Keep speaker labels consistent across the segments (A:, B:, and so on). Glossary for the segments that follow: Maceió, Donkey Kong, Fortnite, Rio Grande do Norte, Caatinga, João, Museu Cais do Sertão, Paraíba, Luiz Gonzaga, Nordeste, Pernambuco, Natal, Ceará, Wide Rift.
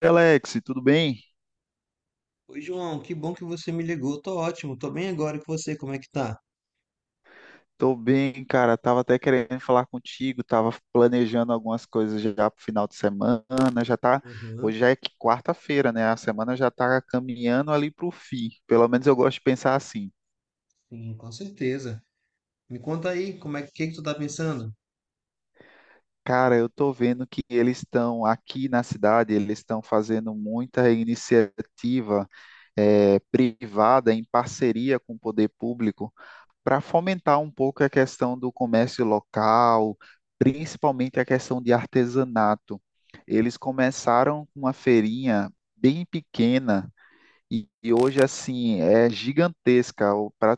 A: Alex, tudo bem?
B: Oi, João, que bom que você me ligou. Tô ótimo, tô bem agora e com você, como é que tá?
A: Tô bem, cara. Tava até querendo falar contigo, tava planejando algumas coisas já pro final de semana. Já tá,
B: Aham,
A: hoje já é quarta-feira, né? A semana já tá caminhando ali pro fim. Pelo menos eu gosto de pensar assim.
B: sim, com certeza. Me conta aí, como é que, que tu tá pensando?
A: Cara, eu tô vendo que eles estão aqui na cidade, eles estão fazendo muita iniciativa privada em parceria com o poder público, para fomentar um pouco a questão do comércio local, principalmente a questão de artesanato. Eles começaram com uma feirinha bem pequena e hoje assim é gigantesca. Para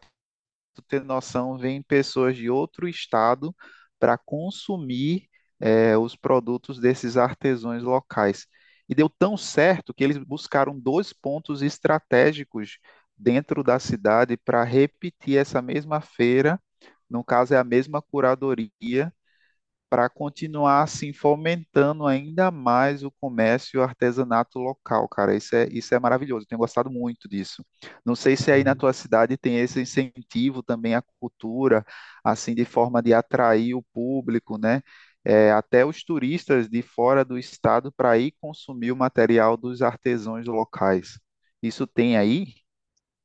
A: tu ter noção, vêm pessoas de outro estado para consumir os produtos desses artesãos locais. E deu tão certo que eles buscaram dois pontos estratégicos dentro da cidade para repetir essa mesma feira, no caso, é a mesma curadoria, para continuar assim fomentando ainda mais o comércio e o artesanato local, cara. Isso é maravilhoso. Eu Tenho gostado muito disso. Não sei se aí na tua cidade tem esse incentivo também à cultura, assim, de forma de atrair o público, né? É, até os turistas de fora do estado para ir consumir o material dos artesãos locais. Isso tem aí?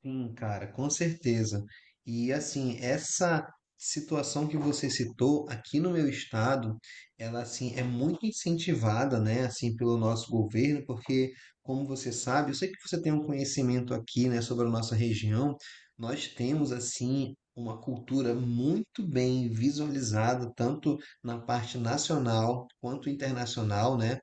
B: Sim, cara, com certeza. E assim, essa situação que você citou aqui no meu estado, ela assim é muito incentivada, né, assim pelo nosso governo, porque como você sabe, eu sei que você tem um conhecimento aqui, né, sobre a nossa região, nós temos assim uma cultura muito bem visualizada tanto na parte nacional quanto internacional, né?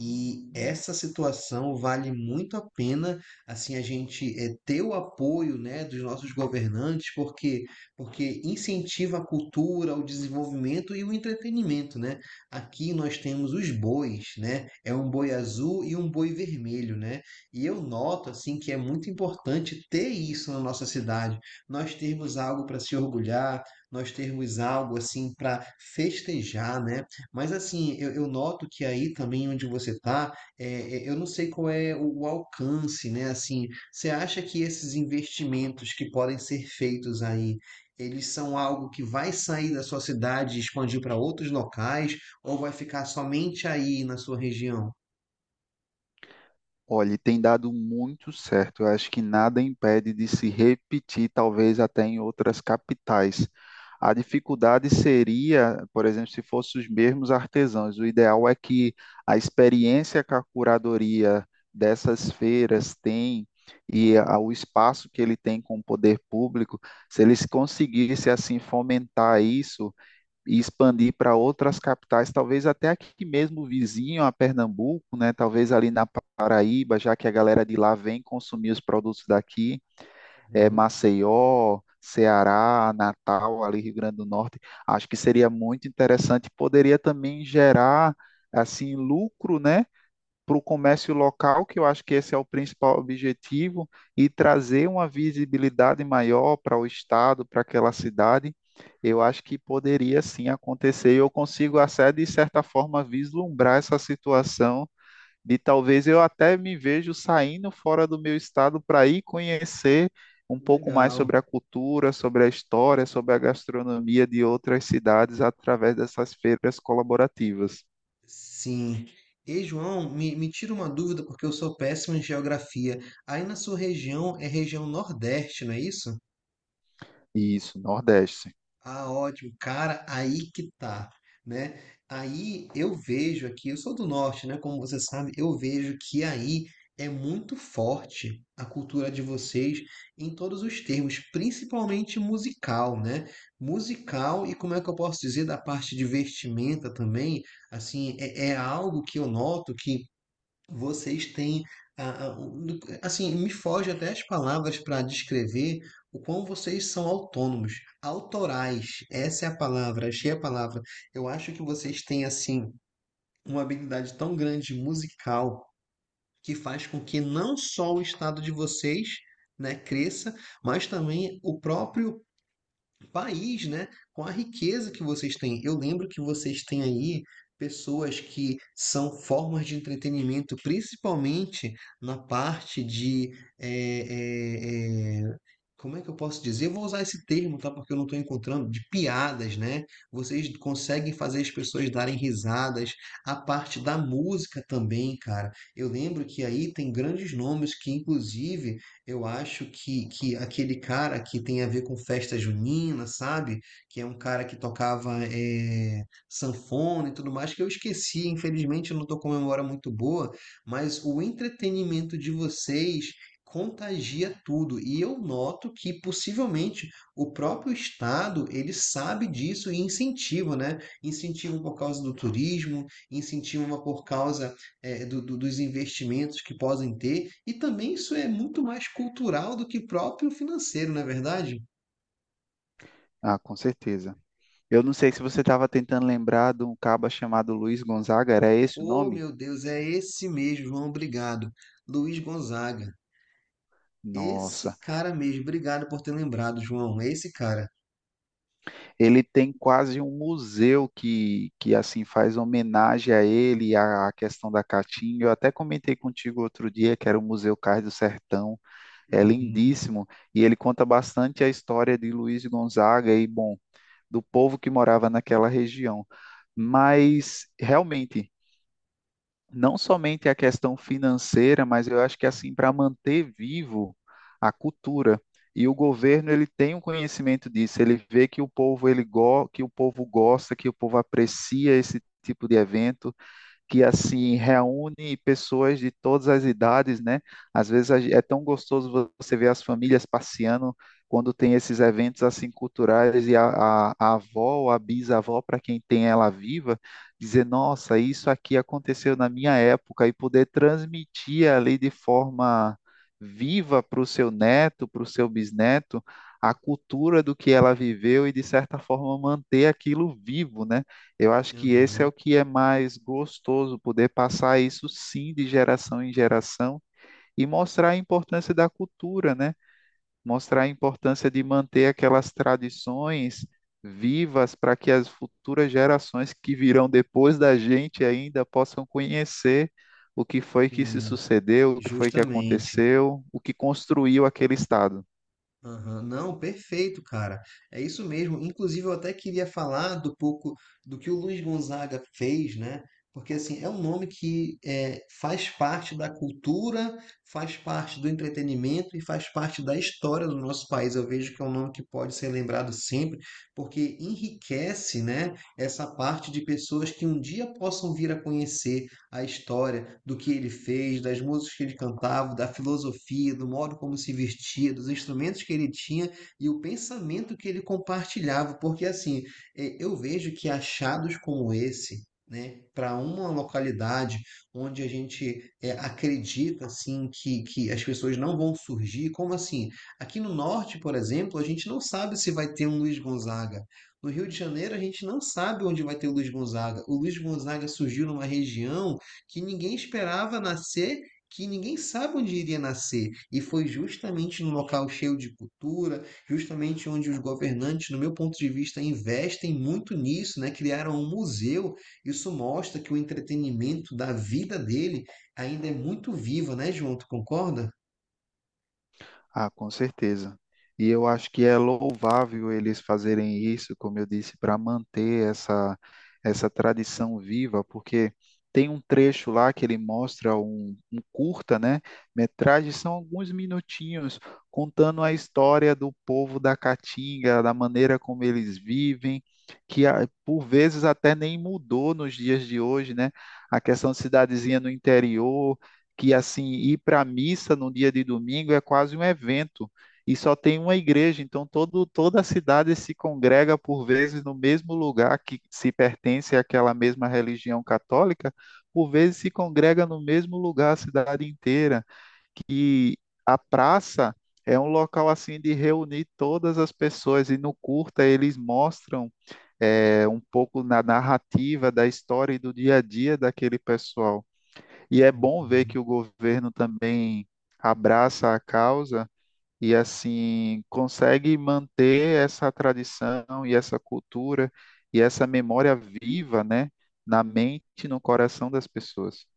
B: E essa situação vale muito a pena assim a gente ter o apoio, né, dos nossos governantes, porque incentiva a cultura, o desenvolvimento e o entretenimento, né? Aqui nós temos os bois, né? É um boi azul e um boi vermelho, né? E eu noto assim que é muito importante ter isso na nossa cidade. Nós temos algo para se orgulhar, nós termos algo assim para festejar, né? Mas assim, eu noto que aí também onde você está é, eu não sei qual é o alcance, né? Assim, você acha que esses investimentos que podem ser feitos aí, eles são algo que vai sair da sua cidade e expandir para outros locais, ou vai ficar somente aí na sua região?
A: Olha, e tem dado muito certo. Eu acho que nada impede de se repetir, talvez até em outras capitais. A dificuldade seria, por exemplo, se fossem os mesmos artesãos. O ideal é que a experiência que a curadoria dessas feiras tem e o espaço que ele tem com o poder público, se eles conseguissem assim fomentar isso e expandir para outras capitais, talvez até aqui mesmo vizinho a Pernambuco, né? Talvez ali na Paraíba, já que a galera de lá vem consumir os produtos daqui, é,
B: Uhum,
A: Maceió, Ceará, Natal, ali Rio Grande do Norte. Acho que seria muito interessante, poderia também gerar assim lucro, né? Para o comércio local, que eu acho que esse é o principal objetivo, e trazer uma visibilidade maior para o estado, para aquela cidade, eu acho que poderia sim acontecer. Eu consigo até, de certa forma, vislumbrar essa situação de talvez, eu até me vejo saindo fora do meu estado para ir conhecer um pouco mais
B: legal.
A: sobre a cultura, sobre a história, sobre a gastronomia de outras cidades através dessas feiras colaborativas.
B: Sim. E João, me tira uma dúvida, porque eu sou péssimo em geografia. Aí na sua região é região Nordeste, não é isso?
A: Isso, Nordeste.
B: Ah, ótimo. Cara, aí que tá, né? Aí eu vejo aqui, eu sou do norte, né? Como você sabe, eu vejo que aí é muito forte a cultura de vocês em todos os termos, principalmente musical, né? Musical. E como é que eu posso dizer da parte de vestimenta também, assim, é algo que eu noto que vocês têm, a- a- um- assim, me foge até as palavras para descrever o quão vocês são autônomos, autorais. Essa é a palavra, achei a palavra. Eu acho que vocês têm, assim, uma habilidade tão grande musical que faz com que não só o estado de vocês, né, cresça, mas também o próprio país, né, com a riqueza que vocês têm. Eu lembro que vocês têm aí pessoas que são formas de entretenimento, principalmente na parte de. eh, eh, eh, Como é que eu posso dizer? Eu vou usar esse termo, tá? Porque eu não estou encontrando, de piadas, né? Vocês conseguem fazer as pessoas darem risadas, a parte da música também, cara. Eu lembro que aí tem grandes nomes que, inclusive, eu acho que aquele cara que tem a ver com festa junina, sabe? Que é um cara que tocava sanfona e tudo mais, que eu esqueci, infelizmente eu não estou com memória muito boa, mas o entretenimento de vocês contagia tudo. E eu noto que possivelmente o próprio Estado, ele sabe disso e incentiva, né? Incentiva por causa do turismo, incentiva por causa dos investimentos que podem ter, e também isso é muito mais cultural do que próprio financeiro, não é verdade?
A: Ah, com certeza. Eu não sei se você estava tentando lembrar de um caba chamado Luiz Gonzaga, era esse o
B: Oh,
A: nome?
B: meu Deus, é esse mesmo, João, obrigado. Luiz Gonzaga,
A: Nossa,
B: esse cara mesmo, obrigado por ter lembrado, João, é esse cara.
A: ele tem quase um museu que assim faz homenagem a ele, à questão da caatinga. Eu até comentei contigo outro dia que era o Museu Cais do Sertão, é
B: Uhum,
A: lindíssimo e ele conta bastante a história de Luiz Gonzaga e, bom, do povo que morava naquela região. Mas realmente não somente a questão financeira, mas eu acho que assim para manter vivo a cultura. E o governo ele tem um conhecimento disso, ele vê que o povo ele go que o povo gosta, que o povo aprecia esse tipo de evento que assim reúne pessoas de todas as idades, né? Às vezes é tão gostoso você ver as famílias passeando quando tem esses eventos assim culturais e a avó ou a bisavó, para quem tem ela viva, dizer, nossa, isso aqui aconteceu na minha época e poder transmitir ali de forma viva para o seu neto, para o seu bisneto, a cultura do que ela viveu e de certa forma manter aquilo vivo, né? Eu acho que esse é
B: uhum,
A: o que é mais gostoso, poder passar isso sim de geração em geração e mostrar a importância da cultura, né? Mostrar a importância de manter aquelas tradições vivas para que as futuras gerações que virão depois da gente ainda possam conhecer o que foi que se
B: hum,
A: sucedeu, o que foi que
B: justamente.
A: aconteceu, o que construiu aquele estado.
B: Aham, não, perfeito, cara. É isso mesmo. Inclusive, eu até queria falar do pouco do que o Luiz Gonzaga fez, né? Porque assim, é um nome que faz parte da cultura, faz parte do entretenimento e faz parte da história do nosso país. Eu vejo que é um nome que pode ser lembrado sempre, porque enriquece, né, essa parte de pessoas que um dia possam vir a conhecer, a história do que ele fez, das músicas que ele cantava, da filosofia, do modo como se vestia, dos instrumentos que ele tinha e o pensamento que ele compartilhava, porque assim, eu vejo que achados como esse, né, para uma localidade onde a gente acredita assim que as pessoas não vão surgir, como assim? Aqui no norte, por exemplo, a gente não sabe se vai ter um Luiz Gonzaga. No Rio de Janeiro, a gente não sabe onde vai ter o Luiz Gonzaga. O Luiz Gonzaga surgiu numa região que ninguém esperava nascer, que ninguém sabe onde iria nascer. E foi justamente num local cheio de cultura, justamente onde os governantes, no meu ponto de vista, investem muito nisso, né? Criaram um museu. Isso mostra que o entretenimento da vida dele ainda é muito vivo, né, João? Tu concorda?
A: Ah, com certeza. E eu acho que é louvável eles fazerem isso, como eu disse, para manter essa, essa tradição viva, porque tem um trecho lá que ele mostra um curta, né? Metragem, são alguns minutinhos contando a história do povo da Caatinga, da maneira como eles vivem, que ah, por vezes até nem mudou nos dias de hoje, né? A questão de cidadezinha no interior que assim ir para a missa no dia de domingo é quase um evento e só tem uma igreja, então toda a cidade se congrega por vezes no mesmo lugar que se pertence àquela mesma religião católica, por vezes se congrega no mesmo lugar a cidade inteira, que a praça é um local assim de reunir todas as pessoas e no curta eles mostram um pouco na narrativa da história e do dia a dia daquele pessoal. E é bom ver
B: Uhum.
A: que o governo também abraça a causa e assim consegue manter essa tradição e essa cultura e essa memória viva, né, na mente e no coração das pessoas.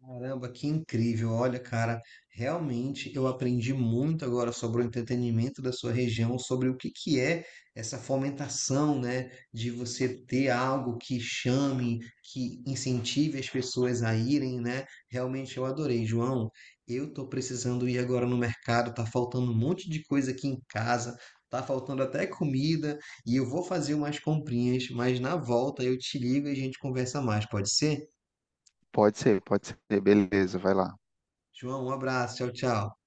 B: Caramba, que incrível! Olha, cara, realmente eu aprendi muito agora sobre o entretenimento da sua região, sobre o que é essa fomentação, né, de você ter algo que chame, que incentive as pessoas a irem, né? Realmente eu adorei, João. Eu tô precisando ir agora no mercado, tá faltando um monte de coisa aqui em casa, tá faltando até comida, e eu vou fazer umas comprinhas, mas na volta eu te ligo e a gente conversa mais, pode ser?
A: Pode ser, beleza, vai lá.
B: João, um abraço, tchau, tchau.